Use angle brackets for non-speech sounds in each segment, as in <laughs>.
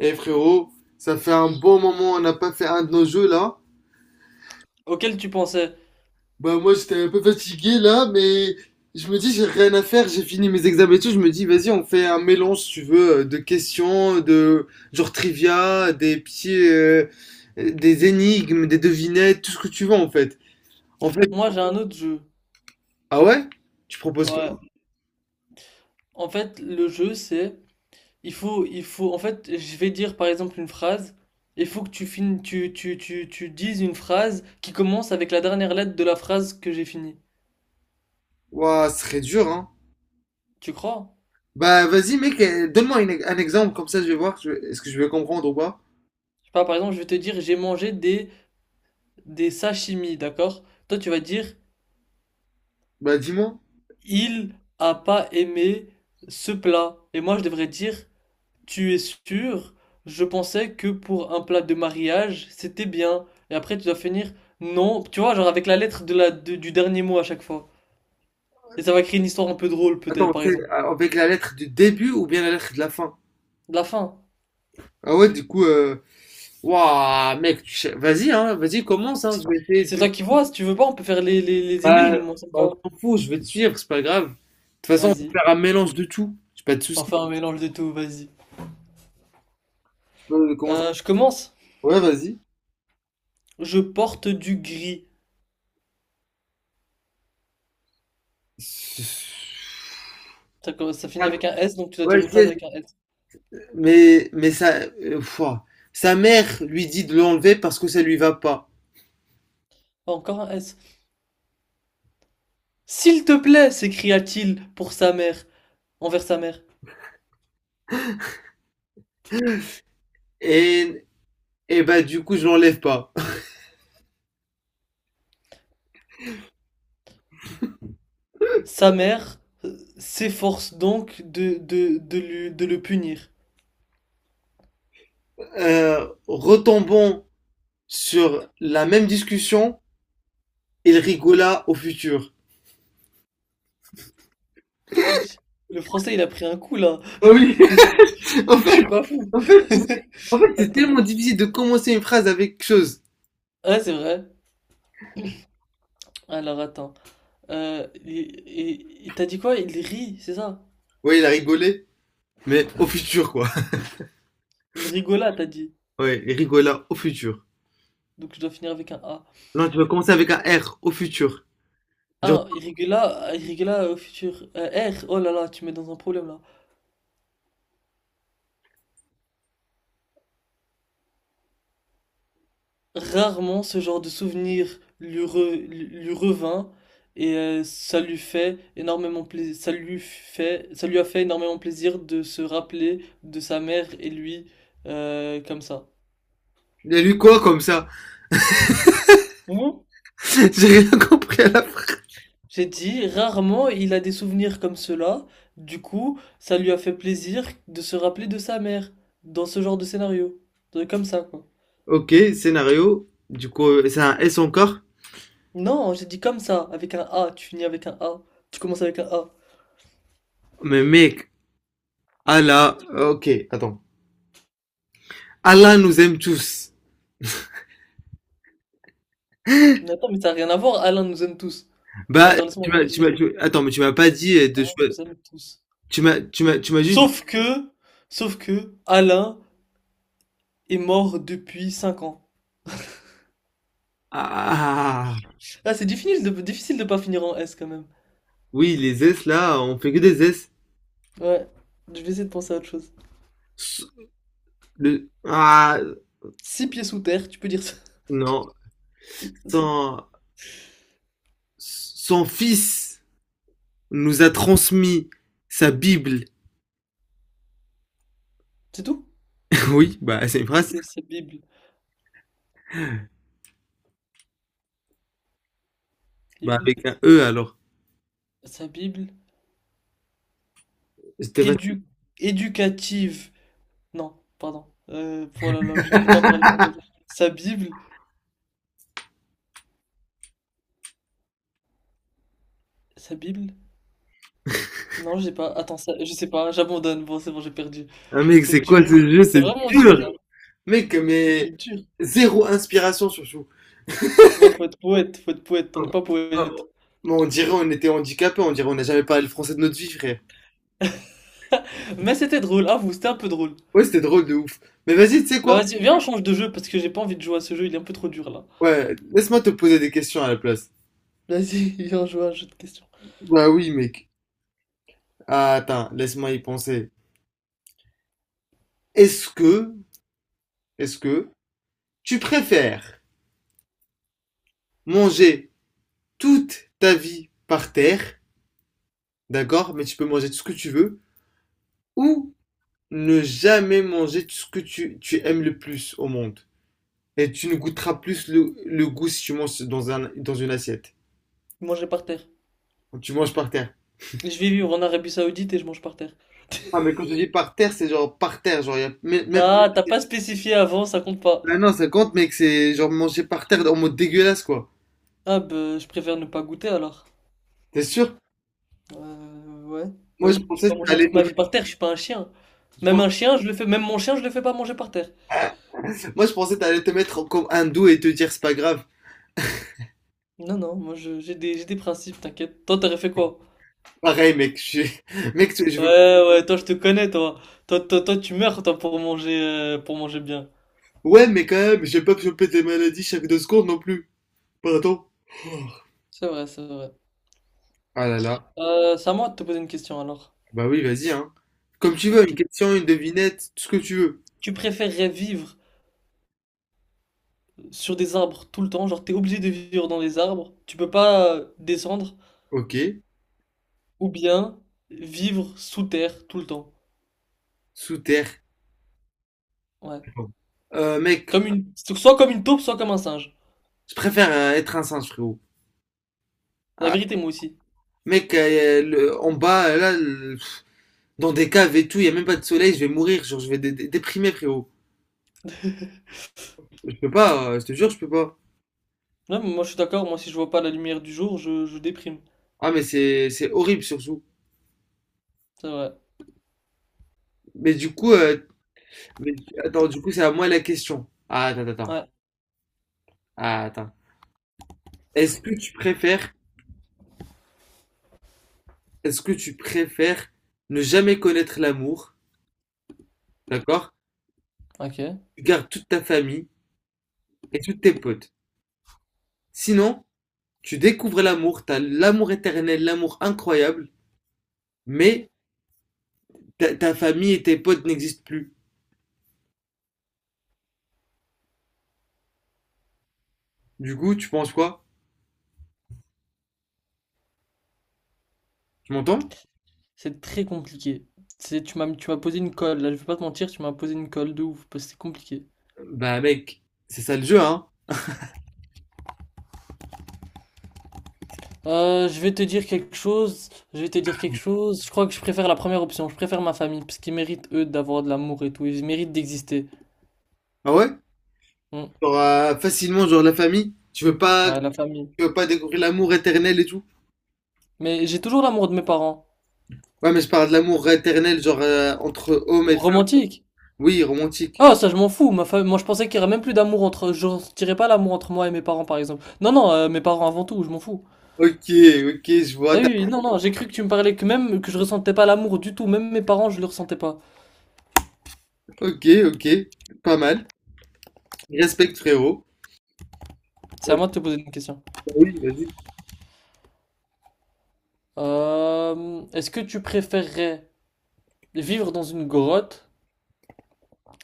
Eh frérot, ça fait un bon moment, on n'a pas fait un de nos jeux là. Auquel tu pensais? Bah moi j'étais un peu fatigué là, mais je me dis j'ai rien à faire, j'ai fini mes examens et tout, je me dis vas-y on fait un mélange si tu veux de questions, de genre trivia, des petits, des énigmes, des devinettes, tout ce que tu veux en fait. En fait, Moi, j'ai un Mhm. autre jeu. ah ouais? Tu proposes quoi? Ouais. En fait, le jeu, c'est il faut je vais dire par exemple une phrase il faut que tu finis tu tu tu tu dises une phrase qui commence avec la dernière lettre de la phrase que j'ai finie. Ouah, ce serait dur hein. Tu crois? Bah vas-y mec, donne-moi un exemple comme ça je vais voir que est-ce que je vais comprendre ou pas. Je sais pas, par exemple, je vais te dire j'ai mangé des sashimi, d'accord? Toi, tu vas dire Bah dis-moi. il a pas aimé ce plat et moi je devrais dire tu es sûr? Je pensais que pour un plat de mariage, c'était bien. Et après, tu dois finir non. Tu vois, genre avec la lettre de du dernier mot à chaque fois. Et ça va créer une histoire un peu drôle, peut-être, Attends, par c'est exemple. avec la lettre du début ou bien la lettre de la fin? De la fin. Ah ouais, du coup, waouh, mec, vas-y, hein, vas-y, commence, hein, je vais essayer C'est de. toi qui vois, si tu veux pas, on peut faire les Bah, énigmes, moi, ça me on va. s'en fout, je vais te suivre, c'est pas grave. De toute façon, on Vas-y. peut faire un mélange de tout, j'ai pas de On soucis. fait un mélange de tout, vas-y. Tu peux commencer. Je commence. Ouais, vas-y. Je porte du gris. Ça finit Ah, avec un S, donc tu dois ouais, dire je une sais, phrase avec un S. mais ça, pouah. Sa mère lui dit de l'enlever parce que ça lui va pas. Ah, encore un S. S'il te plaît, s'écria-t-il pour sa mère, envers sa mère. Et, et bah, du coup, je l'enlève pas. <laughs> Sa mère s'efforce donc de le punir. Retombons sur la même discussion. Il rigola au futur. Yes. Le français, il a pris un coup là. Oui, <laughs> Je, <laughs> en je fait, suis pas fou. en fait, <laughs> c'est Attends. tellement difficile de commencer une phrase avec quelque chose. Ouais, c'est vrai. Alors attends. Il t'a dit quoi? Il rit, c'est ça? Oui, il a rigolé, mais au futur, quoi. <laughs> Il rigola, t'as dit. Ouais, il rigola au futur. Donc je dois finir avec un A. Non, tu vas commencer avec un R, au futur. Genre, Ah, il rigola au futur. R, oh là là, tu me mets dans un problème là. Rarement ce genre de souvenir lui revint et ça lui fait énormément plaisir, ça lui a fait énormément plaisir de se rappeler de sa mère et lui comme ça. il a lu quoi comme ça. Ou, <laughs> J'ai rien compris à la phrase. j'ai dit, rarement il a des souvenirs comme cela, du coup, ça lui a fait plaisir de se rappeler de sa mère dans ce genre de scénario. De- Comme ça, quoi. Ok, scénario. Du coup, c'est un S encore. Non, j'ai dit comme ça, avec un A, tu commences avec un A. Mais mec, Allah. Ok, attends. Allah nous aime tous. Mais attends, mais ça n'a rien à voir, Alain nous aime tous. Bah, Attends, laisse-moi réfléchir. Attends, mais tu m'as pas dit de On choix. vous aime tous. Tu m'as juste. Sauf que, sauf que, Alain est mort depuis 5 ans. Ah, ah, ah, ah. Ah, c'est difficile de pas finir en S quand même. Oui, les S là, on fait que des S. Ouais, je vais essayer de penser à autre chose. S- Ah, Six pieds sous terre, tu peux dire ça. non. Son... Son fils nous a transmis sa Bible. C'est tout? <laughs> Oui, bah c'est une Ok, phrase. sa Bible. Bah Bible. avec un E alors. Sa Bible. J'étais pas... Édu éducative. Non, pardon. Voilà, là, j'arrive pas à parler français. Sa Bible. Sa Bible. Non, j'ai pas. Attends, ça, je sais pas, j'abandonne. Bon, c'est bon, j'ai perdu. Ah mec, C'est c'est quoi dur. ce jeu? C'est C'est vraiment dur, dur! hein. Mec, Il mais est dur. zéro inspiration surtout. Non, faut être poète, on n'est pas Ah, poète. bon, on dirait on était handicapés. On dirait on n'a jamais parlé le français de notre vie, frère. Mais c'était drôle, avoue, c'était un peu drôle. Ouais, c'était drôle de ouf. Mais vas-y, tu sais Bah quoi? vas-y, viens, on change de jeu parce que j'ai pas envie de jouer à ce jeu, il est un peu trop dur là. Ouais, laisse-moi te poser des questions à la place. Vas-y, <laughs> viens jouer à un jeu de questions. Bah oui, mec. Ah, attends, laisse-moi y penser. Est-ce que, est-ce que tu préfères manger toute ta vie par terre, d'accord, mais tu peux manger tout ce que tu veux, ou ne jamais manger tout ce que tu aimes le plus au monde? Et tu ne goûteras plus le goût si tu manges dans dans une assiette. Je Manger par terre. Quand tu manges par terre. Je vais vivre en Arabie Saoudite et je mange par terre. Ah, mais quand je dis par terre, c'est genre par terre, genre, y a, même- Nah, t'as pas spécifié avant, ça compte pas. Ah non, ça compte, mec, c'est genre manger par terre en mode dégueulasse, quoi. Ah bah, je préfère ne pas goûter alors. T'es sûr? Ouais. Bah Moi, je oui, je vais pensais pas que ça manger allait toute te ma vie par terre, je suis pas un chien. Même mettre, un chien, je le fais, même mon chien, je le fais pas manger par terre. moi, je pensais que t'allais te mettre comme hindou et te dire c'est pas grave. Non, non, j'ai j'ai des principes, t'inquiète. Toi, t'aurais fait quoi? Pareil, mec, je, <laughs> mec, je veux. Ouais, ouais, toi, je te connais, toi. Tu meurs, toi, pour manger bien. Ouais, mais quand même, j'ai pas chopé des maladies chaque deux secondes non plus. Pardon. C'est vrai, c'est vrai. Ah là là. C'est à moi de te poser une question, alors. Bah oui, vas-y, hein. Comme tu veux, Ok. une question, une devinette, tout ce que tu veux. Tu préférerais vivre sur des arbres tout le temps, genre, t'es obligé de vivre dans des arbres, tu peux pas descendre, Ok. ou bien vivre sous terre tout le temps. Sous terre. Ouais. Bon. Mec, Comme une, soit comme une taupe, soit comme un singe. je préfère être un singe, frérot. La Ah, vérité, moi aussi. mec, le- en bas, là, le- dans des caves et tout, il y a même pas de soleil, je vais mourir, genre, je vais dé- dé- déprimer, frérot. Je peux pas, je te jure, je peux pas. Non, mais moi, je suis d'accord, moi, si je vois pas la lumière du jour, je déprime. Ah, mais c'est horrible, surtout. C'est vrai. Mais du coup, attends, du coup, c'est à moi la question. Ah, Ouais. Attends. Est-ce que tu préfères, est-ce que tu préfères ne jamais connaître l'amour, d'accord? Ok. Tu gardes toute ta famille et tous tes potes. Sinon, tu découvres l'amour, t'as l'amour éternel, l'amour incroyable, mais ta famille et tes potes n'existent plus. Du coup, tu penses quoi? Tu m'entends? C'est très compliqué. Tu m'as posé une colle, là, je vais pas te mentir, tu m'as posé une colle de ouf, parce que c'est compliqué. Bah, mec, c'est ça le jeu, hein? Je vais te dire quelque chose, je vais te dire quelque chose. Je crois que je préfère la première option, je préfère ma famille, parce qu'ils méritent, eux, d'avoir de l'amour et tout, ils méritent d'exister. Ah ouais? Hmm. T'auras facilement, genre, la famille. Ouais, la famille. Tu veux pas découvrir l'amour éternel et tout? Mais j'ai toujours l'amour de mes parents. Ouais, mais je parle de l'amour éternel, genre entre homme et femme. Romantique. Oui, romantique. Ah, ça, je m'en fous. Ma fa- Moi, je pensais qu'il y aurait même plus d'amour entre, je ressentirais pas l'amour entre moi et mes parents, par exemple. Non, non, mes parents avant tout, je m'en fous. Ok, ok, je vois. Ah oui, oui, non, non, j'ai cru que tu me parlais que même que je ressentais pas l'amour du tout, même mes parents, je le ressentais pas. Ok, ok, pas mal. Respect, frérot. C'est à Euh, moi de te poser une question. Oui, vas-y. Est-ce que tu préférerais vivre dans une grotte,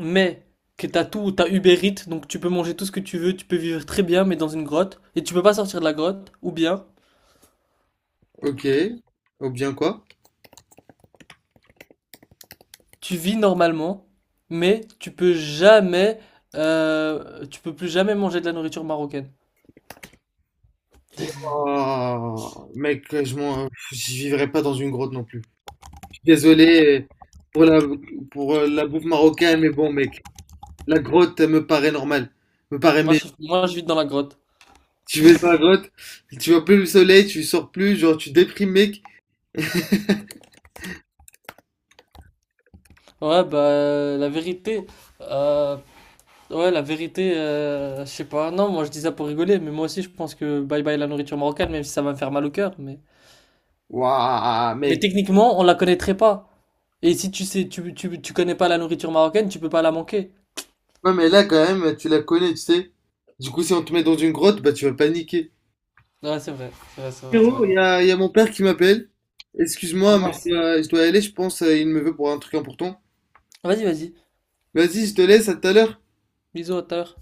mais que t'as tout, t'as Uber Eats, donc tu peux manger tout ce que tu veux, tu peux vivre très bien, mais dans une grotte, et tu peux pas sortir de la grotte, ou bien Ok, ou bien quoi? tu vis normalement, mais tu peux jamais, tu peux plus jamais manger de la nourriture marocaine. Ouah, mec, je vivrai pas dans une grotte non plus. Je suis désolé pour la, pour la bouffe marocaine, mais bon, mec, la grotte elle me paraît normale, me paraît mais Moi, je vis dans la grotte. tu vas dans la grotte, tu vois plus le soleil, tu sors plus, genre tu déprimes, mec. Ouais, bah, la vérité, euh, ouais, la vérité, je sais pas. Non, moi je dis ça pour rigoler, mais moi aussi je pense que bye bye la nourriture marocaine, même si ça va me faire mal au cœur. Waouh, mec. Mais techniquement, on la connaîtrait pas. Et si tu sais, tu connais pas la nourriture marocaine, tu peux pas la manquer. Ouais, mais là, quand même, tu la connais, tu sais. Du coup, si on te met dans une grotte, bah, tu vas paniquer. Ouais, c'est vrai, c'est vrai, c'est vrai, c'est vrai. Frérot, il y a mon père qui m'appelle. Ah Excuse-moi, mais mince. Je dois y aller, je pense, il me veut pour un truc important. Vas-y, vas-y. Vas-y, je te laisse, à tout à l'heure. Bisous, à tout à l'heure.